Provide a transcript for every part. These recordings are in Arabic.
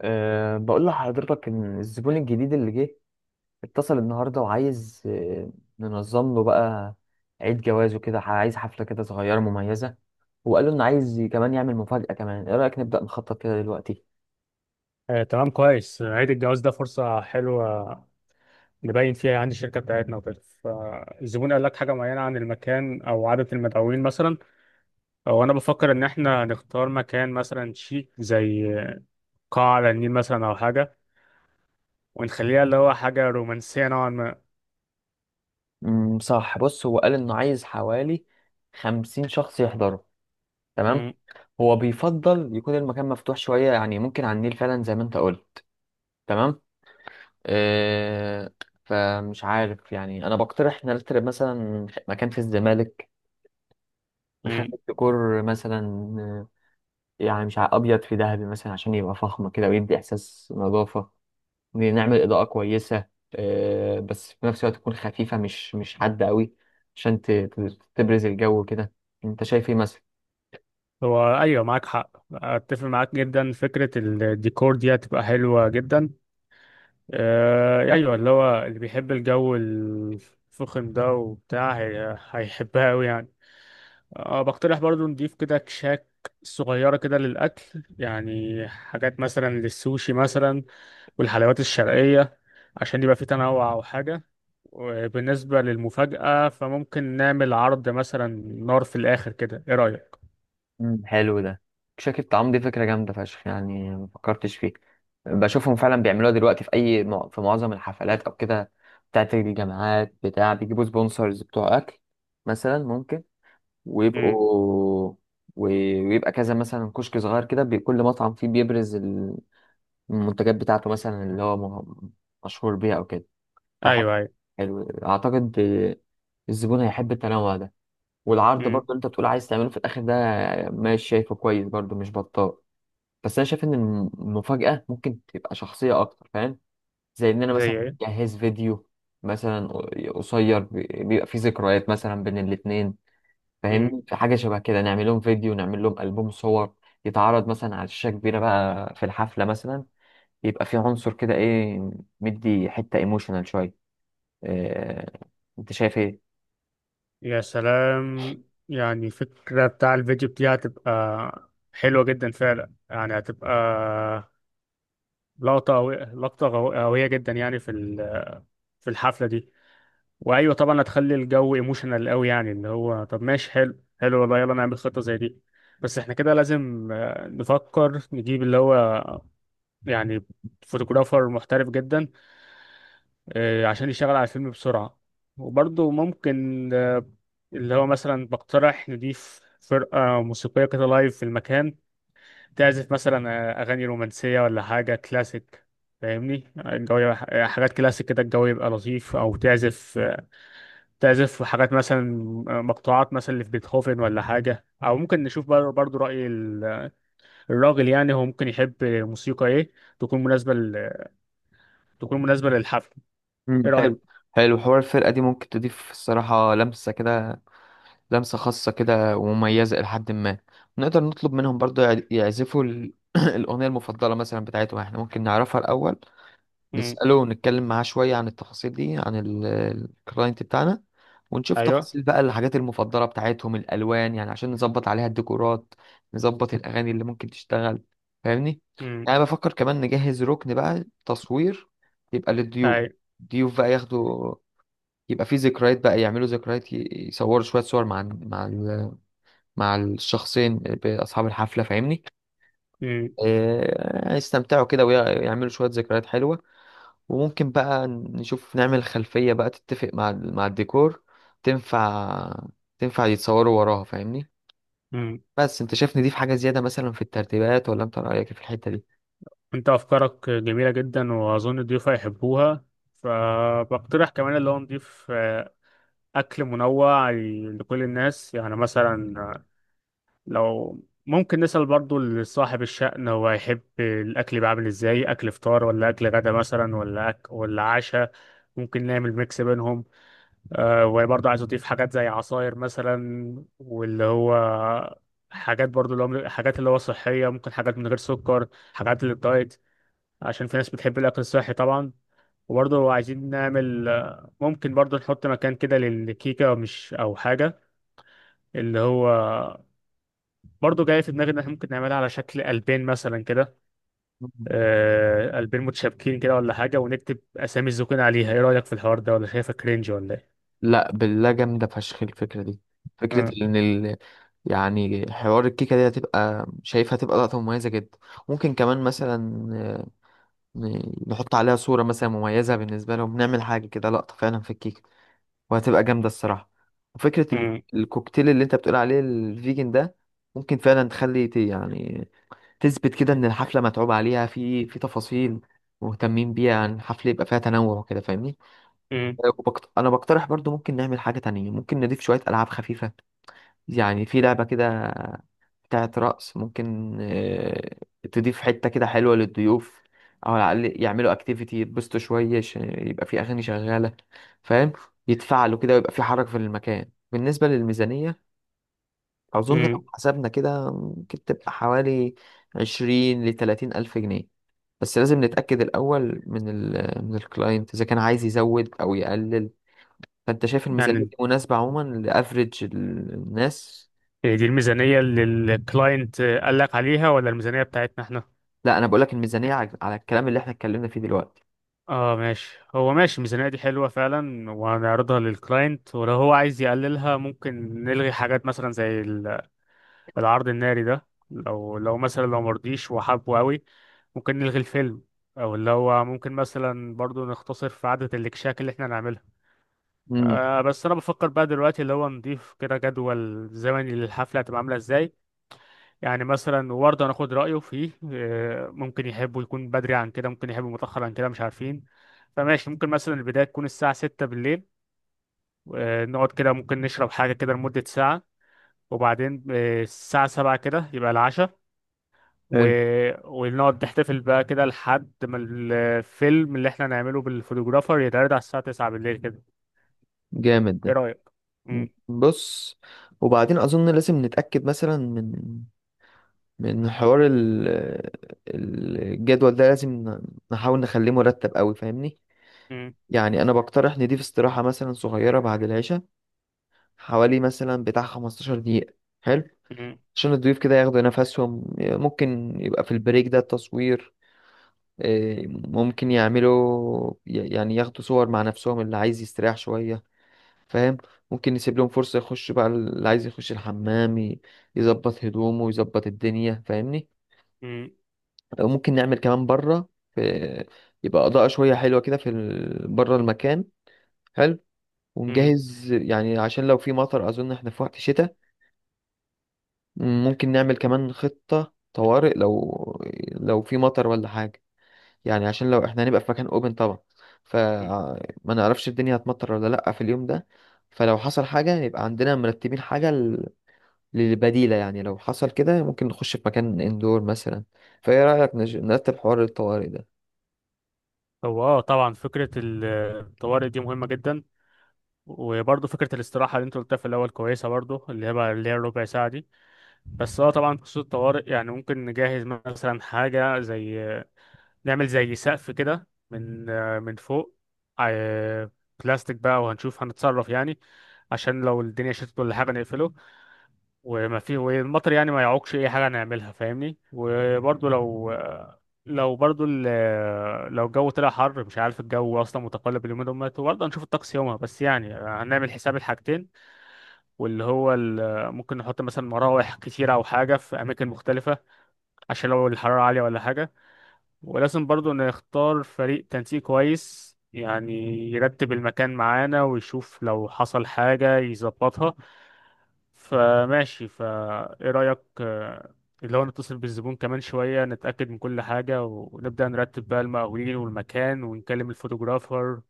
بقول لحضرتك إن الزبون الجديد اللي جه اتصل النهاردة وعايز ننظم له بقى عيد جوازه كده عايز حفلة كده صغيرة مميزة. وقال له إنه عايز كمان يعمل مفاجأة كمان. إيه رأيك نبدأ نخطط كده دلوقتي؟ آه، تمام، كويس. عيد الجواز ده فرصة حلوة نبين فيها عندي الشركة بتاعتنا وكده. فالزبون قال لك حاجة معينة عن المكان أو عدد المدعوين مثلا؟ أو أنا بفكر إن إحنا نختار مكان مثلا شيك زي قاعة على النيل مثلا أو حاجة، ونخليها اللي هو حاجة رومانسية نوعا ما. صح. بص، هو قال إنه عايز حوالي 50 شخص يحضروا. تمام. مم، هو بيفضل يكون المكان مفتوح شوية، يعني ممكن على النيل فعلا زي ما أنت قلت. تمام. أه فمش عارف يعني، أنا بقترح نرتب مثلا مكان في الزمالك. مم. ديكور مثلا. آه، يعني مش ابيض في ذهبي مثلا عشان يبقى فخم كده ويدي احساس نظافه. نعمل اضاءه كويسه. بس في نفس الوقت تكون خفيفه، مش حاده قوي عشان تبرز الجو كده. انت شايف ايه مثلا؟ هو أيوة، معاك حق، أتفق معاك جدا، فكرة الديكور دي هتبقى حلوة جدا. آه، أيوة، اللي هو اللي بيحب الجو الفخم ده وبتاع هيحبها أوي يعني. بقترح برضو نضيف كده كشاك صغيرة كده للأكل، يعني حاجات مثلا للسوشي مثلا والحلويات الشرقية، عشان يبقى في تنوع أو حاجة. وبالنسبة للمفاجأة فممكن نعمل عرض مثلا نار في الآخر كده، إيه رأيك؟ مم، حلو ده. شاكي الطعام دي فكره جامده فشخ، يعني ما فكرتش فيه. بشوفهم فعلا بيعملوها دلوقتي في اي في معظم الحفلات او كده بتاعت الجامعات، بتاع بيجيبوا سبونسرز بتوع اكل مثلا ممكن مم. ويبقوا ويبقى كذا، مثلا كشك صغير كده كل مطعم فيه بيبرز المنتجات بتاعته مثلا اللي هو م- مشهور بيها او كده فحلو. أيوه أيوه. حلو، اعتقد الزبون هيحب التنوع ده. والعرض برضو مم. اللي انت بتقول عايز تعمله في الاخر ده، ماشي، شايفه كويس برضو، مش بطال. بس انا شايف ان المفاجأة ممكن تبقى شخصية اكتر، فاهم؟ زي ان انا مثلا زي إيه؟ اجهز فيديو مثلا قصير بيبقى فيه ذكريات مثلا بين الاتنين، مم. فاهمني. في حاجة شبه كده نعمل لهم فيديو، نعمل لهم ألبوم صور يتعرض مثلا على شاشة كبيرة بقى في الحفلة، مثلا يبقى في عنصر كده ايه، مدي حتة ايموشنال شوية. إيه... انت شايف ايه؟ يا سلام، يعني فكرة بتاع الفيديو دي هتبقى حلوة جدا فعلا، يعني هتبقى لقطة قوية، لقطة قوية جدا يعني في الحفلة دي. وايوه طبعا هتخلي الجو ايموشنال قوي، يعني اللي هو طب ماشي، حلو حلو والله، يلا نعمل خطه زي دي. بس احنا كده لازم نفكر نجيب اللي هو يعني فوتوغرافر محترف جدا، عشان يشتغل على الفيلم بسرعه. وبرضه ممكن اللي هو مثلا بقترح نضيف فرقه موسيقيه كده لايف في المكان، تعزف مثلا اغاني رومانسيه ولا حاجه كلاسيك. فاهمني الجو حاجات كلاسيك كده الجو يبقى لطيف، او تعزف، حاجات مثلا، مقطوعات مثلا اللي في بيتهوفن ولا حاجة. أو ممكن نشوف برضو رأي الراجل، يعني هو ممكن يحب موسيقى إيه تكون مناسبة تكون مناسبة للحفل. مم. إيه رأيك؟ حلو، حلو حوار الفرقة دي ممكن تضيف الصراحة لمسة كده، لمسة خاصة كده ومميزة إلى حد ما. نقدر نطلب منهم برضو يعزفوا الأغنية المفضلة مثلا بتاعتهم، احنا ممكن نعرفها الأول. مم. نسأله ونتكلم معاه شوية عن التفاصيل دي، عن الكلاينت بتاعنا، ونشوف أيوه. تفاصيل بقى الحاجات المفضلة بتاعتهم، الألوان يعني عشان نظبط عليها الديكورات، نظبط الأغاني اللي ممكن تشتغل. فاهمني؟ مم. يعني أنا بفكر كمان نجهز ركن بقى تصوير يبقى للضيوف. أي. الضيوف بقى ياخدوا، يبقى فيه ذكريات، بقى يعملوا ذكريات، يصوروا شوية صور مع الشخصين بأصحاب الحفلة، فاهمني. مم. يستمتعوا كده ويعملوا شوية ذكريات حلوة. وممكن بقى نشوف نعمل خلفية بقى تتفق مع الديكور، تنفع، تنفع يتصوروا وراها، فاهمني. مم. بس انت شايفني دي في حاجة زيادة مثلا في الترتيبات، ولا انت رأيك إيه في الحتة دي؟ أنت أفكارك جميلة جدا وأظن الضيوف هيحبوها، فبقترح كمان اللي هو نضيف أكل منوع لكل الناس، يعني مثلا لو ممكن نسأل برضو لصاحب الشأن هو هيحب الأكل يبقى عامل إزاي، أكل فطار ولا أكل غدا مثلا ولا عشاء. ممكن نعمل ميكس بينهم. وبرضو عايز أضيف حاجات زي عصاير مثلا، واللي هو حاجات برضو اللي هو حاجات اللي هو صحية، ممكن حاجات من غير سكر، حاجات للدايت، عشان في ناس بتحب الأكل الصحي طبعا. وبرضه عايزين نعمل ممكن برضه نحط مكان كده للكيكة مش أو حاجة. اللي هو برضه جاي في دماغي ان احنا ممكن نعملها على شكل قلبين مثلا كده، مم. قلبين متشابكين كده ولا حاجه، ونكتب اسامي الزوجين عليها. ايه رايك في الحوار ده، ولا شايفه كرينج ولا ايه؟ لا بالله، جامدة فشخ الفكرة دي. فكرة مم، ان يعني حوار الكيكة دي، هتبقى شايفها هتبقى لقطة مميزة جدا. ممكن كمان مثلا نحط عليها صورة مثلا مميزة بالنسبة لهم، نعمل حاجة كده لقطة فعلا في الكيكة، وهتبقى جامدة الصراحة. وفكرة ال- مم، الكوكتيل اللي انت بتقول عليه الفيجن ده، ممكن فعلا تخلي يعني تثبت كده ان الحفلة متعوب عليها في تفاصيل مهتمين بيها عن الحفلة، يبقى فيها تنوع وكده، فاهمني. مم، انا بقترح برضو ممكن نعمل حاجة تانية، ممكن نضيف شوية ألعاب خفيفة. يعني في لعبة كده بتاعت رقص ممكن تضيف حتة كده حلوة للضيوف. أو على الأقل يعملوا أكتيفيتي يتبسطوا شوية، يبقى في أغاني شغالة، فاهم؟ يتفعلوا كده ويبقى في حركة في المكان. بالنسبة للميزانية، أظن لو مم. حسبنا كده ممكن تبقى حوالي 20-30 ألف جنيه. بس لازم نتأكد الأول من الكلاينت إذا كان عايز يزود أو يقلل. فأنت شايف الميزانية يعني دي مناسبة عموما لأفريج الناس؟ دي الميزانيه اللي الكلاينت قال لك عليها ولا الميزانيه بتاعتنا احنا؟ لا، أنا بقولك الميزانية على الكلام اللي احنا اتكلمنا فيه دلوقتي. اه ماشي، هو ماشي الميزانيه دي حلوه فعلا وهنعرضها للكلاينت. ولو هو عايز يقللها ممكن نلغي حاجات مثلا زي العرض الناري ده، لو مثلا لو مرضيش وحابه قوي، ممكن نلغي الفيلم، او اللي هو ممكن مثلا برضو نختصر في عدد الاكشاك اللي احنا نعملها. امم بس انا بفكر بقى دلوقتي اللي هو نضيف كده جدول زمني للحفله هتبقى عامله ازاي، يعني مثلا وبرضه هناخد رايه فيه. ممكن يحبوا يكون بدري عن كده، ممكن يحبوا متاخر عن كده، مش عارفين. فماشي، ممكن مثلا البدايه تكون الساعه 6 بالليل، نقعد كده ممكن نشرب حاجه كده لمده ساعه، وبعدين الساعه 7 كده يبقى العشاء، و... حلو، ونقعد نحتفل بقى كده لحد ما الفيلم اللي احنا نعمله بالفوتوغرافر يتعرض على الساعة 9 بالليل كده. جامد ايه ده. رأيك؟ م- مم. بص، وبعدين اظن لازم نتاكد مثلا من حوار الجدول ده، لازم نحاول نخليه مرتب قوي، فاهمني. م- يعني انا بقترح نضيف استراحه مثلا صغيره بعد العشاء حوالي مثلا بتاع 15 دقيقه. حلو م- عشان الضيوف كده ياخدوا نفسهم، ممكن يبقى في البريك ده تصوير. ممكن يعملوا يعني ياخدوا صور مع نفسهم اللي عايز يستريح شويه، فاهم. ممكن نسيب لهم فرصة يخش بقى اللي عايز يخش الحمام، يظبط هدومه يظبط الدنيا، فاهمني. م- أو ممكن نعمل كمان بره، في يبقى إضاءة شوية حلوة كده في بره المكان. حلو. م- ونجهز يعني عشان لو في مطر، أظن احنا في وقت شتاء. ممكن نعمل كمان خطة طوارئ، لو في مطر ولا حاجة، يعني عشان لو احنا هنبقى في مكان اوبن طبعا، م. فما نعرفش الدنيا هتمطر ولا لأ في اليوم ده. فلو حصل حاجة، يبقى عندنا مرتبين حاجة للبديلة، يعني لو حصل كده ممكن نخش في مكان اندور مثلا. فايه رأيك نرتب حوار الطوارئ ده؟ هو طبعا فكرة الطوارئ دي مهمة جدا، وبرضه فكرة الاستراحة اللي انت قلتها في الأول كويسة برضه، اللي هي بقى اللي هي الربع ساعة دي. بس طبعا خصوص الطوارئ يعني ممكن نجهز مثلا حاجة زي نعمل زي سقف كده من فوق، آه، بلاستيك بقى، وهنشوف هنتصرف يعني، عشان لو الدنيا شتت ولا حاجة نقفله، وما في والمطر يعني ما يعوقش أي حاجة نعملها فاهمني. وبرضه لو برضه لو الجو طلع حر، مش عارف الجو أصلا متقلب اليومين دول، وبرضه هنشوف الطقس يومها، بس يعني هنعمل حساب الحاجتين. واللي هو ممكن نحط مثلا مراوح كتيرة أو حاجة في أماكن مختلفة، عشان لو الحرارة عالية ولا حاجة. ولازم برضه نختار فريق تنسيق كويس يعني، يرتب المكان معانا ويشوف لو حصل حاجة يظبطها. فماشي ايه رأيك اللي هو نتصل بالزبون كمان شوية، نتأكد من كل حاجة، ونبدأ نرتب بقى المقاولين والمكان، ونكلم الفوتوغرافر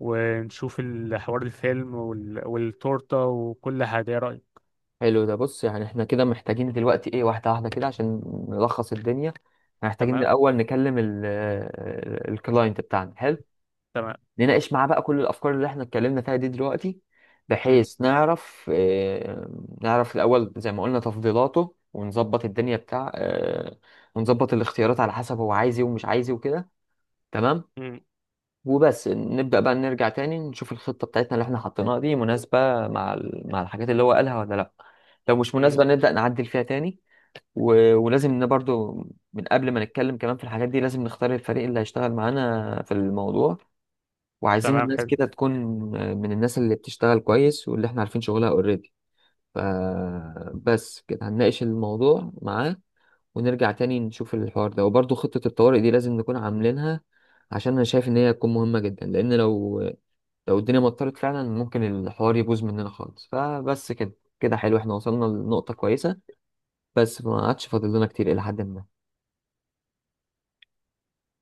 ونشوف الحوار الفيلم والتورتة وكل حاجة. ايه رأيك؟ حلو ده. بص، يعني احنا كده محتاجين دلوقتي ايه؟ واحدة واحدة كده عشان نلخص الدنيا، محتاجين تمام. الأول نكلم الكلاينت بتاعنا. حلو. تمام. نناقش معاه بقى كل الأفكار اللي احنا اتكلمنا فيها دي دلوقتي، م- بحيث نعرف الأول زي ما قلنا تفضيلاته، ونظبط الدنيا بتاع، ونظبط الاختيارات على حسب هو عايز ايه ومش عايز ايه وكده. تمام. م- وبس نبدأ بقى نرجع تاني نشوف الخطة بتاعتنا اللي احنا حطيناها دي مناسبة مع الحاجات اللي هو قالها ولا لا. لو مش م. مناسبة نبدأ نعدل فيها تاني. ولازم برضو من قبل ما نتكلم كمان في الحاجات دي، لازم نختار الفريق اللي هيشتغل معانا في الموضوع. وعايزين تمام، الناس حلو. كده تكون من الناس اللي بتشتغل كويس واللي احنا عارفين شغلها اوريدي. فبس كده هنناقش الموضوع معاه، ونرجع تاني نشوف الحوار ده. وبرضو خطة الطوارئ دي لازم نكون عاملينها، عشان انا شايف ان هي تكون مهمة جدا، لان لو الدنيا مطرت فعلا ممكن الحوار يبوظ مننا خالص. فبس كده، كده حلو، احنا وصلنا لنقطة كويسة، بس ما عادش فاضل لنا كتير إلى حد ما.